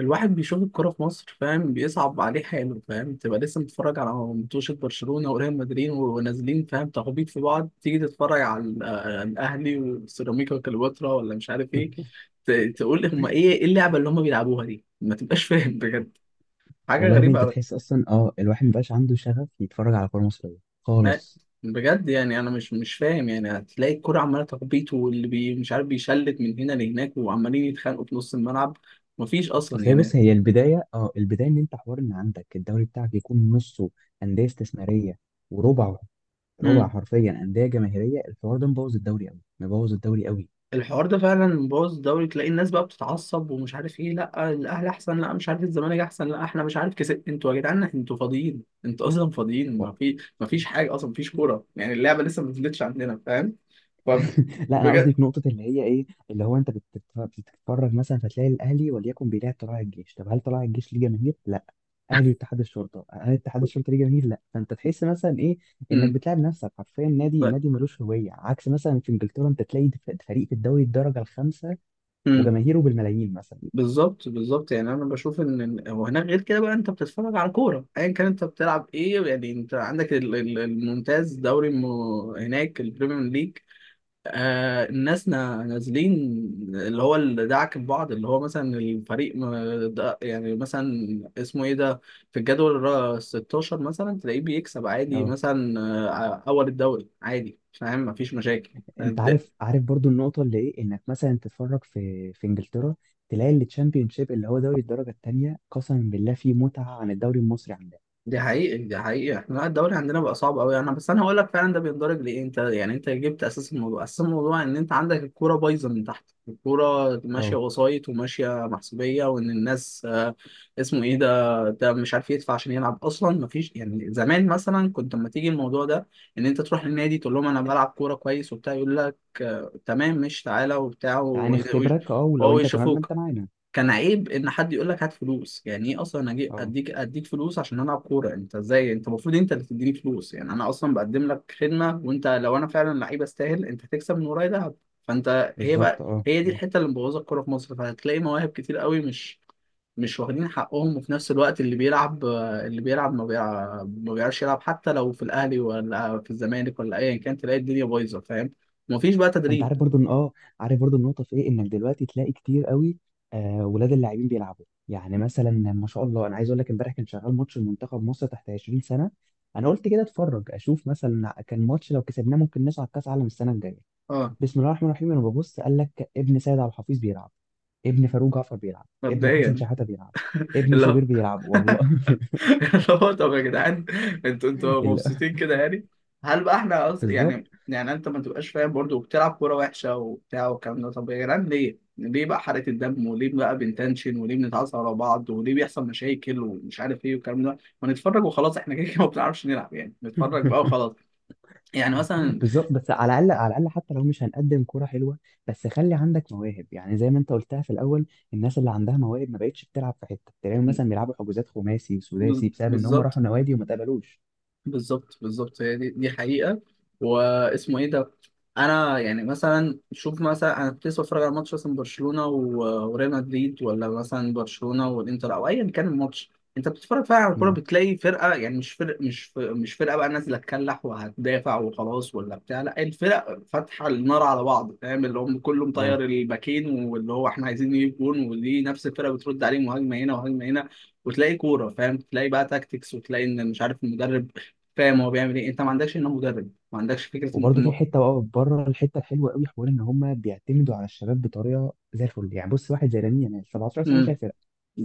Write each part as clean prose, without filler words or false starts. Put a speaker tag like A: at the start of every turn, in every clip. A: الواحد بيشوف الكرة في مصر فاهم، بيصعب عليه حاله. فاهم تبقى لسه متفرج على ماتشات برشلونة وريال مدريد ونازلين فاهم تخبيط في بعض، تيجي تتفرج على الأهلي وسيراميكا وكليوباترا ولا مش عارف ايه. تقول هما ايه اللعبة اللي هما بيلعبوها دي؟ ما تبقاش فاهم بجد. حاجة
B: والله يا ابني
A: غريبة
B: انت
A: أوي.
B: تحس اصلا الواحد مبقاش عنده شغف يتفرج على كوره مصريه
A: لا،
B: خالص.
A: بجد يعني انا مش فاهم. يعني هتلاقي الكرة عمالة تخبيط واللي بي مش عارف، بيشلت من هنا لهناك وعمالين يتخانقوا في نص الملعب. مفيش اصلا
B: اصل هي،
A: يعني.
B: بص، هي البدايه، البدايه ان انت حوار ان عندك الدوري بتاعك يكون نصه انديه استثماريه وربعه، ربع
A: مم.
B: حرفيا انديه جماهيريه. الحوار ده مبوظ الدوري قوي، مبوظ الدوري قوي.
A: الحوار ده فعلا مبوظ الدوري. تلاقي الناس بقى بتتعصب ومش عارف ايه، لا الاهلي احسن، لا مش عارف الزمالك احسن، لا احنا مش عارف كسب. انتوا يا جدعان انتوا فاضيين، انتوا اصلا فاضيين.
B: و-
A: ما فيش حاجه اصلا، ما فيش كوره يعني. اللعبه لسه ما نزلتش عندنا، فاهم؟ ف
B: لا انا قصدي
A: بجد.
B: في نقطه اللي هي ايه، اللي هو انت بتتفرج مثلا فتلاقي الاهلي وليكن بيلعب طلائع الجيش. طب هل طلائع الجيش ليه جماهير؟ لا. اهلي واتحاد الشرطه، هل اتحاد الشرطه ليه جماهير؟ لا. فانت تحس مثلا ايه، انك
A: امم،
B: بتلعب نفسك حرفيا نادي.
A: طيب.
B: النادي ملوش هويه، عكس مثلا في انجلترا انت تلاقي فريق في الدوري الدرجه الخامسه
A: امم.
B: وجماهيره بالملايين مثلا.
A: بالظبط بالظبط. يعني انا بشوف ان هو هناك غير كده بقى، انت بتتفرج على كوره ايا كان انت بتلعب ايه. يعني انت عندك الممتاز دوري هناك البريمير ليج. آه الناس نازلين. اللي هو اللي دعك ببعض، اللي هو مثلا الفريق ده يعني مثلا، اسمه ايه ده، في الجدول ال 16 مثلا، تلاقيه بيكسب عادي
B: اه،
A: مثلا. آه، اول الدوري عادي فاهم، مفيش مشاكل.
B: انت عارف، برضو النقطه اللي ايه، انك مثلا تتفرج في انجلترا تلاقي التشامبيونشيب اللي هو دوري الدرجه الثانيه، قسما بالله فيه متعه عن الدوري المصري عندنا.
A: دي حقيقي دي حقيقي. احنا لا، الدوري عندنا بقى صعب قوي. انا بس انا هقول لك فعلا ده بيندرج لايه. انت يعني انت جبت اساس الموضوع. اساس الموضوع ان انت عندك الكوره بايظه من تحت. الكوره ماشيه
B: اه.
A: وسايط، وماشيه محسوبيه، وان الناس آه، اسمه ايه ده، ده مش عارف يدفع عشان يلعب اصلا. مفيش يعني. زمان مثلا كنت لما تيجي الموضوع ده، ان انت تروح للنادي تقول لهم انا بلعب كوره كويس وبتاع، يقول لك آه، تمام، مش تعالى وبتاع
B: تعال نختبرك، اه، ولو
A: وهو
B: انت تمام ما انت
A: يشوفوك.
B: معانا.
A: كان عيب ان حد يقول لك هات فلوس. يعني ايه اصلا اجي
B: اه.
A: اديك فلوس عشان العب كوره؟ انت ازاي؟ انت المفروض انت اللي تديني فلوس، يعني انا اصلا بقدم لك خدمه. وانت لو انا فعلا لعيب استاهل، انت هتكسب من ورايا دهب. فانت، هي
B: بالظبط،
A: بقى
B: اه
A: هي دي
B: اه.
A: الحته اللي مبوظه الكوره في مصر. فهتلاقي مواهب كتير قوي مش واخدين حقهم، وفي نفس الوقت اللي بيلعب ما بيعرفش يلعب، حتى لو في الاهلي ولا في الزمالك ولا ايا كان. تلاقي الدنيا بايظه فاهم. مفيش بقى
B: انت
A: تدريب.
B: عارف برضو ان اه، عارف برضو النقطه في ايه، انك دلوقتي تلاقي كتير قوي ولاد اللاعبين بيلعبوا. يعني مثلا ما شاء الله، انا عايز اقول لك امبارح كان شغال ماتش المنتخب مصر تحت 20 سنه. انا قلت كده اتفرج اشوف، مثلا كان ماتش لو كسبناه ممكن نصعد كاس عالم السنه الجايه.
A: اه،
B: بسم الله الرحمن الرحيم، انا ببص قال لك ابن سيد عبد الحفيظ بيلعب، ابن فاروق جعفر بيلعب، ابن حسن
A: مبدئيا
B: شحاته بيلعب، ابن
A: اللي هو
B: شوبير بيلعب، والله
A: اللي هو طب يا جدعان، انتوا انتوا
B: ال-
A: مبسوطين كده يعني؟ هل بقى احنا
B: بالظبط
A: يعني يعني انت ما تبقاش فاهم برضه، وبتلعب كوره وحشه وبتاع والكلام ده؟ طب يا جدعان ليه؟ ليه بقى حرقة الدم؟ وليه بقى بنتنشن؟ وليه بنتعصب على بعض؟ وليه بيحصل مشاكل ومش عارف ايه والكلام ده؟ ما نتفرج وخلاص. احنا كده كده ما بنعرفش نلعب، يعني نتفرج بقى وخلاص. يعني مثلا،
B: بالظبط. بس على الاقل، على الاقل حتى لو مش هنقدم كوره حلوه، بس خلي عندك مواهب، يعني زي ما انت قلتها في الاول. الناس اللي عندها مواهب ما بقتش بتلعب في حته. تلاقيهم مثلا بيلعبوا حجوزات خماسي وسداسي بسبب ان هم
A: بالظبط.
B: راحوا نوادي وما اتقبلوش.
A: بالظبط بالظبط. هي دي دي حقيقة. واسمه ايه ده. انا يعني مثلا، شوف مثلا انا كنت لسه بتفرج على ماتش مثلا برشلونة وريال مدريد، ولا مثلا برشلونة والانتر او ايا كان الماتش. انت بتتفرج فعلا على الكورة،
B: اه
A: بتلاقي فرقة، يعني مش فرق، مش فرقة بقى نازلة تكلح وهتدافع وخلاص ولا بتاع، لا الفرق فاتحة النار على بعض فاهم. اللي هم كله
B: اه.
A: مطير الباكين واللي هو احنا عايزين نجيب جون، ودي نفس الفرقة بترد عليه، مهاجمة هنا وهجمة هنا. وتلاقي كورة فاهم، تلاقي بقى تاكتكس، وتلاقي ان مش عارف المدرب فاهم هو بيعمل ايه. انت ما عندكش هنا مدرب، ما عندكش فكره
B: وبرضه في حته بقى بره الحته الحلوه قوي، حوار ان هم بيعتمدوا على الشباب بطريقه زي الفل. يعني بص، واحد زي لامين يامال، 17 سنه
A: مم.
B: شايل فرقه.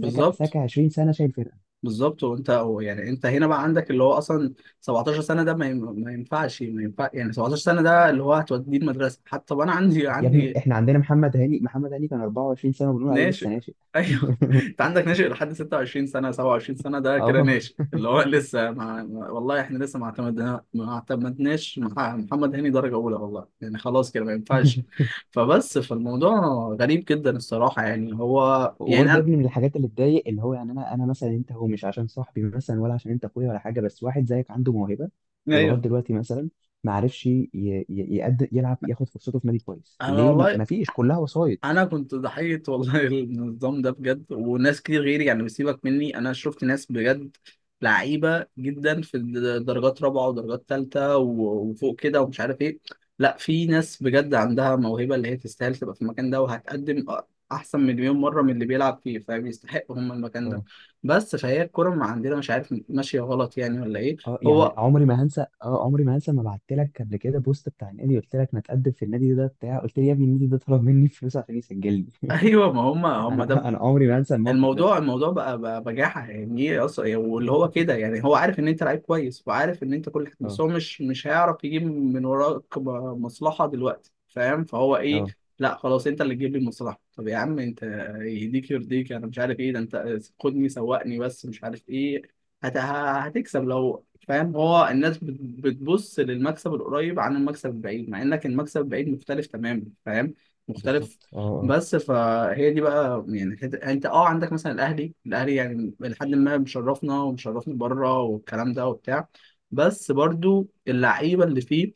B: ساكا، ساكا 20 سنه شايل فرقه.
A: بالظبط. وانت هو يعني انت هنا بقى عندك اللي هو اصلا 17 سنه. ده ما ينفع يعني. 17 سنه ده اللي هو هتوديه المدرسه حتى. طب انا عندي
B: يا ابني، احنا عندنا محمد هاني، محمد هاني كان 24 سنه وبنقول عليه لسه
A: ناشئ
B: ناشئ
A: ايوه. انت عندك ناشئ لحد 26 سنه، 27 سنه ده كده
B: اه.
A: ناشئ. اللي هو لسه والله احنا لسه ما اعتمدناش مع محمد هاني درجه اولى والله. يعني خلاص كده ما ينفعش. فبس، فالموضوع غريب جدا الصراحه، يعني هو
B: وبرضه
A: يعني.
B: يا ابني من الحاجات اللي تضايق، اللي هو يعني انا مثلا، انت هو مش عشان صاحبي مثلا، ولا عشان انت اخويا ولا حاجه، بس واحد زيك عنده موهبه ولغايه
A: ايوه.
B: دلوقتي مثلا ما عرفش يقدر يلعب، ياخد فرصته في نادي كويس.
A: انا
B: ليه؟ ما
A: والله،
B: ما فيش، كلها وسايط.
A: انا كنت ضحيه والله النظام ده بجد، وناس كتير غيري يعني. بسيبك مني انا، شفت ناس بجد لعيبه جدا في درجات رابعه ودرجات ثالثه وفوق كده ومش عارف ايه. لا، في ناس بجد عندها موهبه، اللي هي تستاهل تبقى في المكان ده وهتقدم احسن مليون مره من اللي بيلعب فيه. فبيستحقوا هم المكان ده.
B: اه
A: بس فهي الكوره ما عندنا مش عارف ماشيه غلط يعني ولا ايه.
B: اه. يعني
A: هو
B: عمري ما هنسى، اه عمري ما هنسى، ما بعت لك قبل كده بوست بتاع النادي، قلت لك ما تقدم في النادي ده بتاع، قلت لي يا ابني النادي ده طلب مني فلوس عشان يسجلني
A: ايوه، ما هم هم ده.
B: انا عمري ما هنسى الموقف ده
A: الموضوع الموضوع بقى بجاحة. يعني ايه اصلا واللي هو كده يعني؟ هو عارف ان انت لعيب كويس، وعارف ان انت كل حاجة، بس
B: اه
A: هو مش هيعرف يجيب من وراك مصلحة دلوقتي فاهم. فهو ايه،
B: اه،
A: لا خلاص انت اللي تجيب لي المصلحة. طب يا عم انت يهديك يرضيك، انا مش عارف ايه ده. انت خدني سوقني بس مش عارف ايه. هتكسب لو فاهم. هو الناس بتبص للمكسب القريب عن المكسب البعيد، مع انك المكسب البعيد مختلف تماما فاهم، مختلف.
B: بالظبط، اه اه،
A: بس فهي دي بقى يعني انت اه عندك مثلا الاهلي. الاهلي يعني لحد ما مشرفنا ومشرفنا بره والكلام ده وبتاع، بس برضو اللعيبه اللي فيه.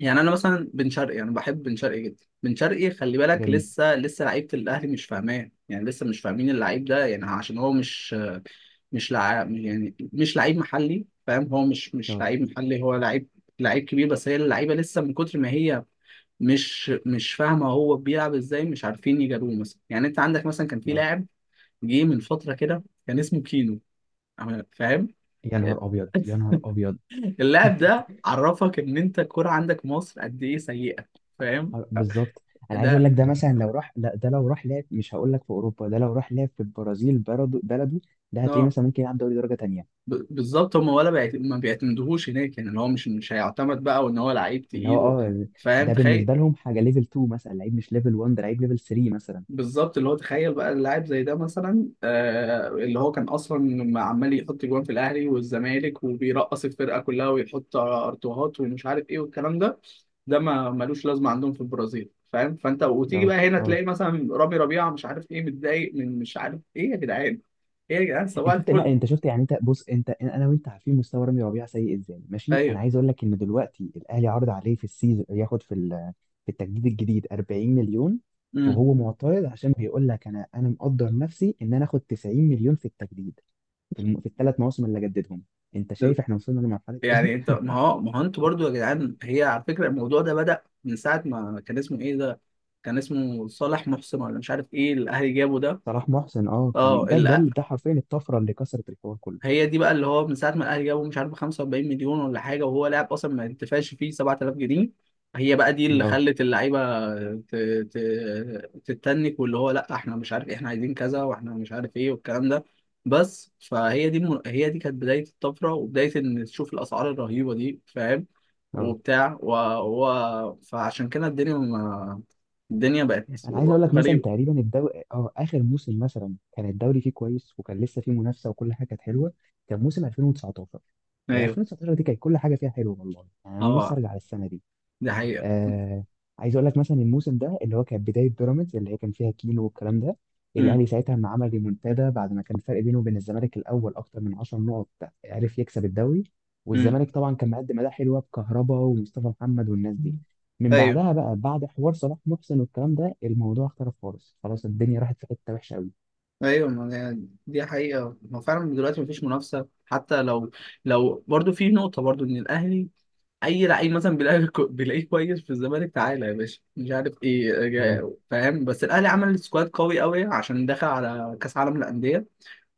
A: يعني انا مثلا بن شرقي، انا بحب بن شرقي جدا. بن شرقي خلي بالك
B: جميل،
A: لسه لسه لعيبه الاهلي مش فاهماه، يعني لسه مش فاهمين اللعيب ده. يعني عشان هو مش مش لع... يعني مش لعيب محلي فاهم. هو مش
B: اه
A: لعيب محلي، هو لعيب، لعيب كبير. بس هي اللعيبه لسه من كتر ما هي مش فاهمه هو بيلعب ازاي، مش عارفين يجاروه مثلا. يعني انت عندك مثلا كان في
B: اه.
A: لاعب جه من فتره كده كان اسمه كينو فاهم.
B: يا نهار ابيض، يا نهار ابيض.
A: اللاعب ده عرفك ان انت الكوره عندك مصر قد ايه سيئه فاهم
B: آه، بالظبط. انا عايز اقول
A: ده.
B: لك، ده مثلا لو راح، لا ده لو راح لعب، مش هقول لك في اوروبا، ده لو راح لعب في البرازيل بلده، بلده ده هتلاقيه
A: اه،
B: مثلا ممكن يلعب دوري درجه تانية.
A: بالظبط. هم ولا ما بيعتمدوهوش هناك، يعني اللي هو مش مش هيعتمد بقى، وان هو لعيب
B: اللي هو
A: تقيل
B: اه،
A: فاهم،
B: ده
A: تخيل.
B: بالنسبه لهم حاجه ليفل 2 مثلا، لعيب مش ليفل 1، ده لعيب ليفل 3 مثلا.
A: بالظبط. اللي هو تخيل بقى اللاعب زي ده مثلا آه، اللي هو كان اصلا عمال يحط جوان في الاهلي والزمالك، وبيرقص الفرقه كلها، ويحط ارتوهات ومش عارف ايه والكلام ده. ده ما ملوش لازمه عندهم في البرازيل فاهم. فانت وتيجي
B: اه
A: بقى هنا
B: اه.
A: تلاقي مثلا رامي ربيعه مش عارف ايه متضايق من مش عارف ايه. يا جدعان ايه يا جدعان؟ صباح
B: انت شفت، لا
A: الفل.
B: انت شفت، يعني انت بص، انت انا وانت عارفين مستوى رامي ربيعه سيء ازاي ماشي. انا
A: ايوه.
B: عايز اقول لك ان دلوقتي الاهلي عرض عليه في السيزون ياخد في في التجديد الجديد 40 مليون،
A: امم.
B: وهو معترض عشان بيقول لك انا، مقدر نفسي ان انا اخد 90 مليون في التجديد، في, في الثلاث مواسم اللي جددهم. انت شايف احنا وصلنا لمرحله ايه
A: يعني انت ما هو ما هو انتوا برضو يا جدعان، هي على فكره الموضوع ده بدأ من ساعه ما كان اسمه ايه ده، كان اسمه صالح محسن ولا مش عارف ايه، الاهلي جابه ده.
B: صلاح محسن، اه
A: اه
B: كان ده، ده ده حرفيا الطفره اللي كسرت الحوار كله.
A: هي دي بقى اللي هو، من ساعه ما الاهلي جابوا مش عارف 45 مليون ولا حاجه، وهو لاعب اصلا ما انتفعش فيه 7000 جنيه. هي بقى دي اللي
B: اه
A: خلت اللعيبه ت- تتنك، واللي هو لا احنا مش عارف إيه، احنا عايزين كذا واحنا مش عارف ايه والكلام ده. بس فهي دي هي دي كانت بدايه الطفره، وبدايه ان تشوف الاسعار الرهيبه دي فاهم.
B: اه.
A: وبتاع فعشان كده الدنيا ما... الدنيا بقت
B: انا عايز اقول لك مثلا
A: غريبه.
B: تقريبا الدوري، اه اخر موسم مثلا كان الدوري فيه كويس، وكان لسه فيه منافسه وكل حاجه كانت حلوه. كان موسم 2019، يعني
A: ايوه.
B: 2019 دي كانت كل حاجه فيها حلوه، والله يعني انا لسه
A: اه
B: ارجع للسنه دي.
A: دي حقيقه.
B: آه. عايز اقول لك مثلا الموسم ده اللي هو كانت بدايه بيراميدز، اللي هي كان فيها كيلو والكلام ده.
A: امم.
B: الاهلي ساعتها لما عمل ريمونتادا بعد ما كان الفرق بينه وبين الزمالك الاول اكتر من 10 نقط، عرف يكسب الدوري،
A: امم.
B: والزمالك طبعا كان مقدم اداء حلوه بكهربا ومصطفى محمد والناس دي. من
A: ايوه.
B: بعدها بقى، بعد حوار صلاح محسن والكلام ده، الموضوع اختلف خالص، خلاص الدنيا راحت في حته وحشه قوي.
A: ايوه ما هي دي حقيقة. ما فعلا دلوقتي مفيش منافسة. حتى لو لو برضو في نقطة برضو ان الاهلي اي لعيب مثلا بيلاقي بيلاقيه كويس في الزمالك، تعالى يا باشا مش عارف ايه
B: اه
A: فاهم. بس الاهلي عمل سكواد قوي قوي عشان دخل على كاس عالم الاندية.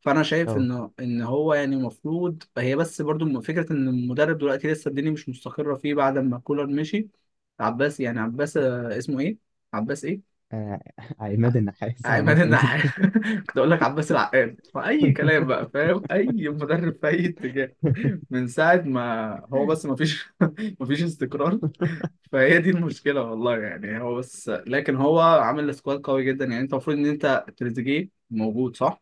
A: فانا شايف
B: اه.
A: ان هو يعني المفروض، هي بس برضو فكرة ان المدرب دلوقتي لسه الدنيا مش مستقرة فيه بعد ما كولر مشي. عباس يعني عباس آه، اسمه ايه، عباس ايه،
B: آه، عماد النحاس،
A: عماد
B: عباس مين
A: النحاس. كنت اقول لك عباس العقاد واي كلام بقى فاهم. اي مدرب في اي اتجاه من ساعه ما هو، بس ما فيش ما فيش استقرار. فهي دي المشكله والله يعني. هو بس لكن هو عامل سكواد قوي جدا. يعني انت المفروض ان انت تريزيجيه موجود صح.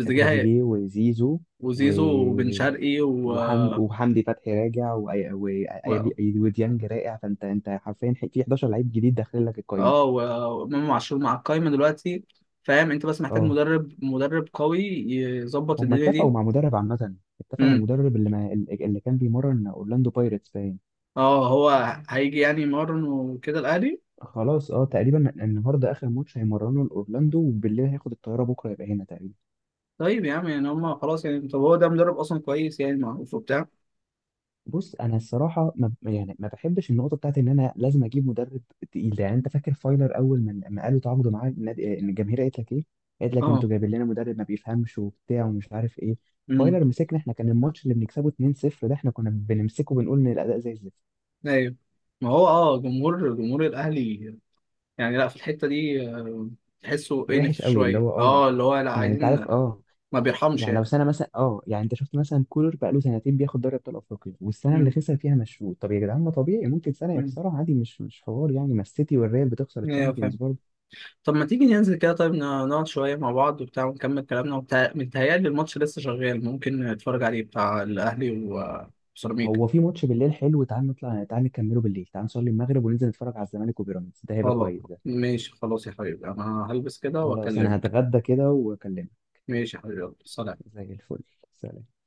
A: هي-
B: تريزيجيه وزيزو،
A: وزيزو وبن شرقي
B: وحمدي، وحمدي فتحي راجع،
A: و-
B: وديانج راجع. فانت، انت حرفيا في 11 لعيب جديد داخل لك القايمه.
A: اه، وامام عاشور مع القايمه دلوقتي فاهم. انت بس محتاج
B: اه.
A: مدرب، مدرب قوي يظبط
B: هم
A: الدنيا
B: اتفقوا
A: دي.
B: مع مدرب عامه، اتفقوا مع المدرب اللي ما اللي كان بيمرن اورلاندو بايرتس باين.
A: اه. هو هيجي يعني يمرن وكده الاهلي.
B: خلاص اه. تقريبا النهارده اخر ماتش هيمرنوا لاورلاندو، وبالليل هياخد الطياره، بكره يبقى هنا تقريبا.
A: طيب يا عم يعني، هم خلاص يعني. طب هو ده مدرب اصلا كويس يعني؟ معروف وبتاع؟
B: بص انا الصراحه ما ب- يعني ما بحبش النقطه بتاعت ان انا لازم اجيب مدرب تقيل ده. يعني انت فاكر فايلر اول ما قالوا تعاقدوا معاه آه، ان الجماهير قالت لك ايه؟ قالت لك
A: اه.
B: انتوا جايبين لنا مدرب ما بيفهمش وبتاع ومش عارف ايه.
A: امم.
B: فايلر مسكنا احنا، كان الماتش اللي بنكسبه 2-0 ده احنا كنا بنمسكه بنقول ان الاداء زي الزفت،
A: ايوه، ما هو اه، جمهور جمهور الاهلي يعني، لا في الحته دي آه، تحسه انف
B: وحش قوي، اللي
A: شويه.
B: هو اه.
A: اه اللي هو لا
B: يعني انت
A: عايزين،
B: عارف اه،
A: ما بيرحمش
B: يعني لو
A: يعني.
B: سنه مثلا اه، يعني انت شفت مثلا كولر بقى له سنتين بياخد دوري ابطال افريقيا، والسنه اللي
A: امم.
B: خسر فيها مشروط؟ طب يا جدعان، ما طبيعي ممكن سنه
A: امم.
B: يخسرها عادي، مش مش حوار يعني، ما السيتي والريال بتخسر
A: ايوه
B: الشامبيونز.
A: فاهم. طب ما تيجي ننزل كده، طيب نقعد شويه مع بعض وبتاع ونكمل كلامنا وبتاع. متهيألي الماتش لسه شغال، ممكن نتفرج عليه بتاع الاهلي وسيراميكا.
B: هو في ماتش بالليل حلو، تعال نطلع، تعال نكمله بالليل، تعال نصلي المغرب وننزل نتفرج على الزمالك وبيراميدز، ده هيبقى
A: خلاص.
B: كويس ده.
A: ماشي خلاص يا حبيبي، انا هلبس كده
B: خلاص انا
A: واكلمك.
B: هتغدى كده واكلمك.
A: ماشي يا حبيبي، يلا سلام.
B: زي الفل. سلام.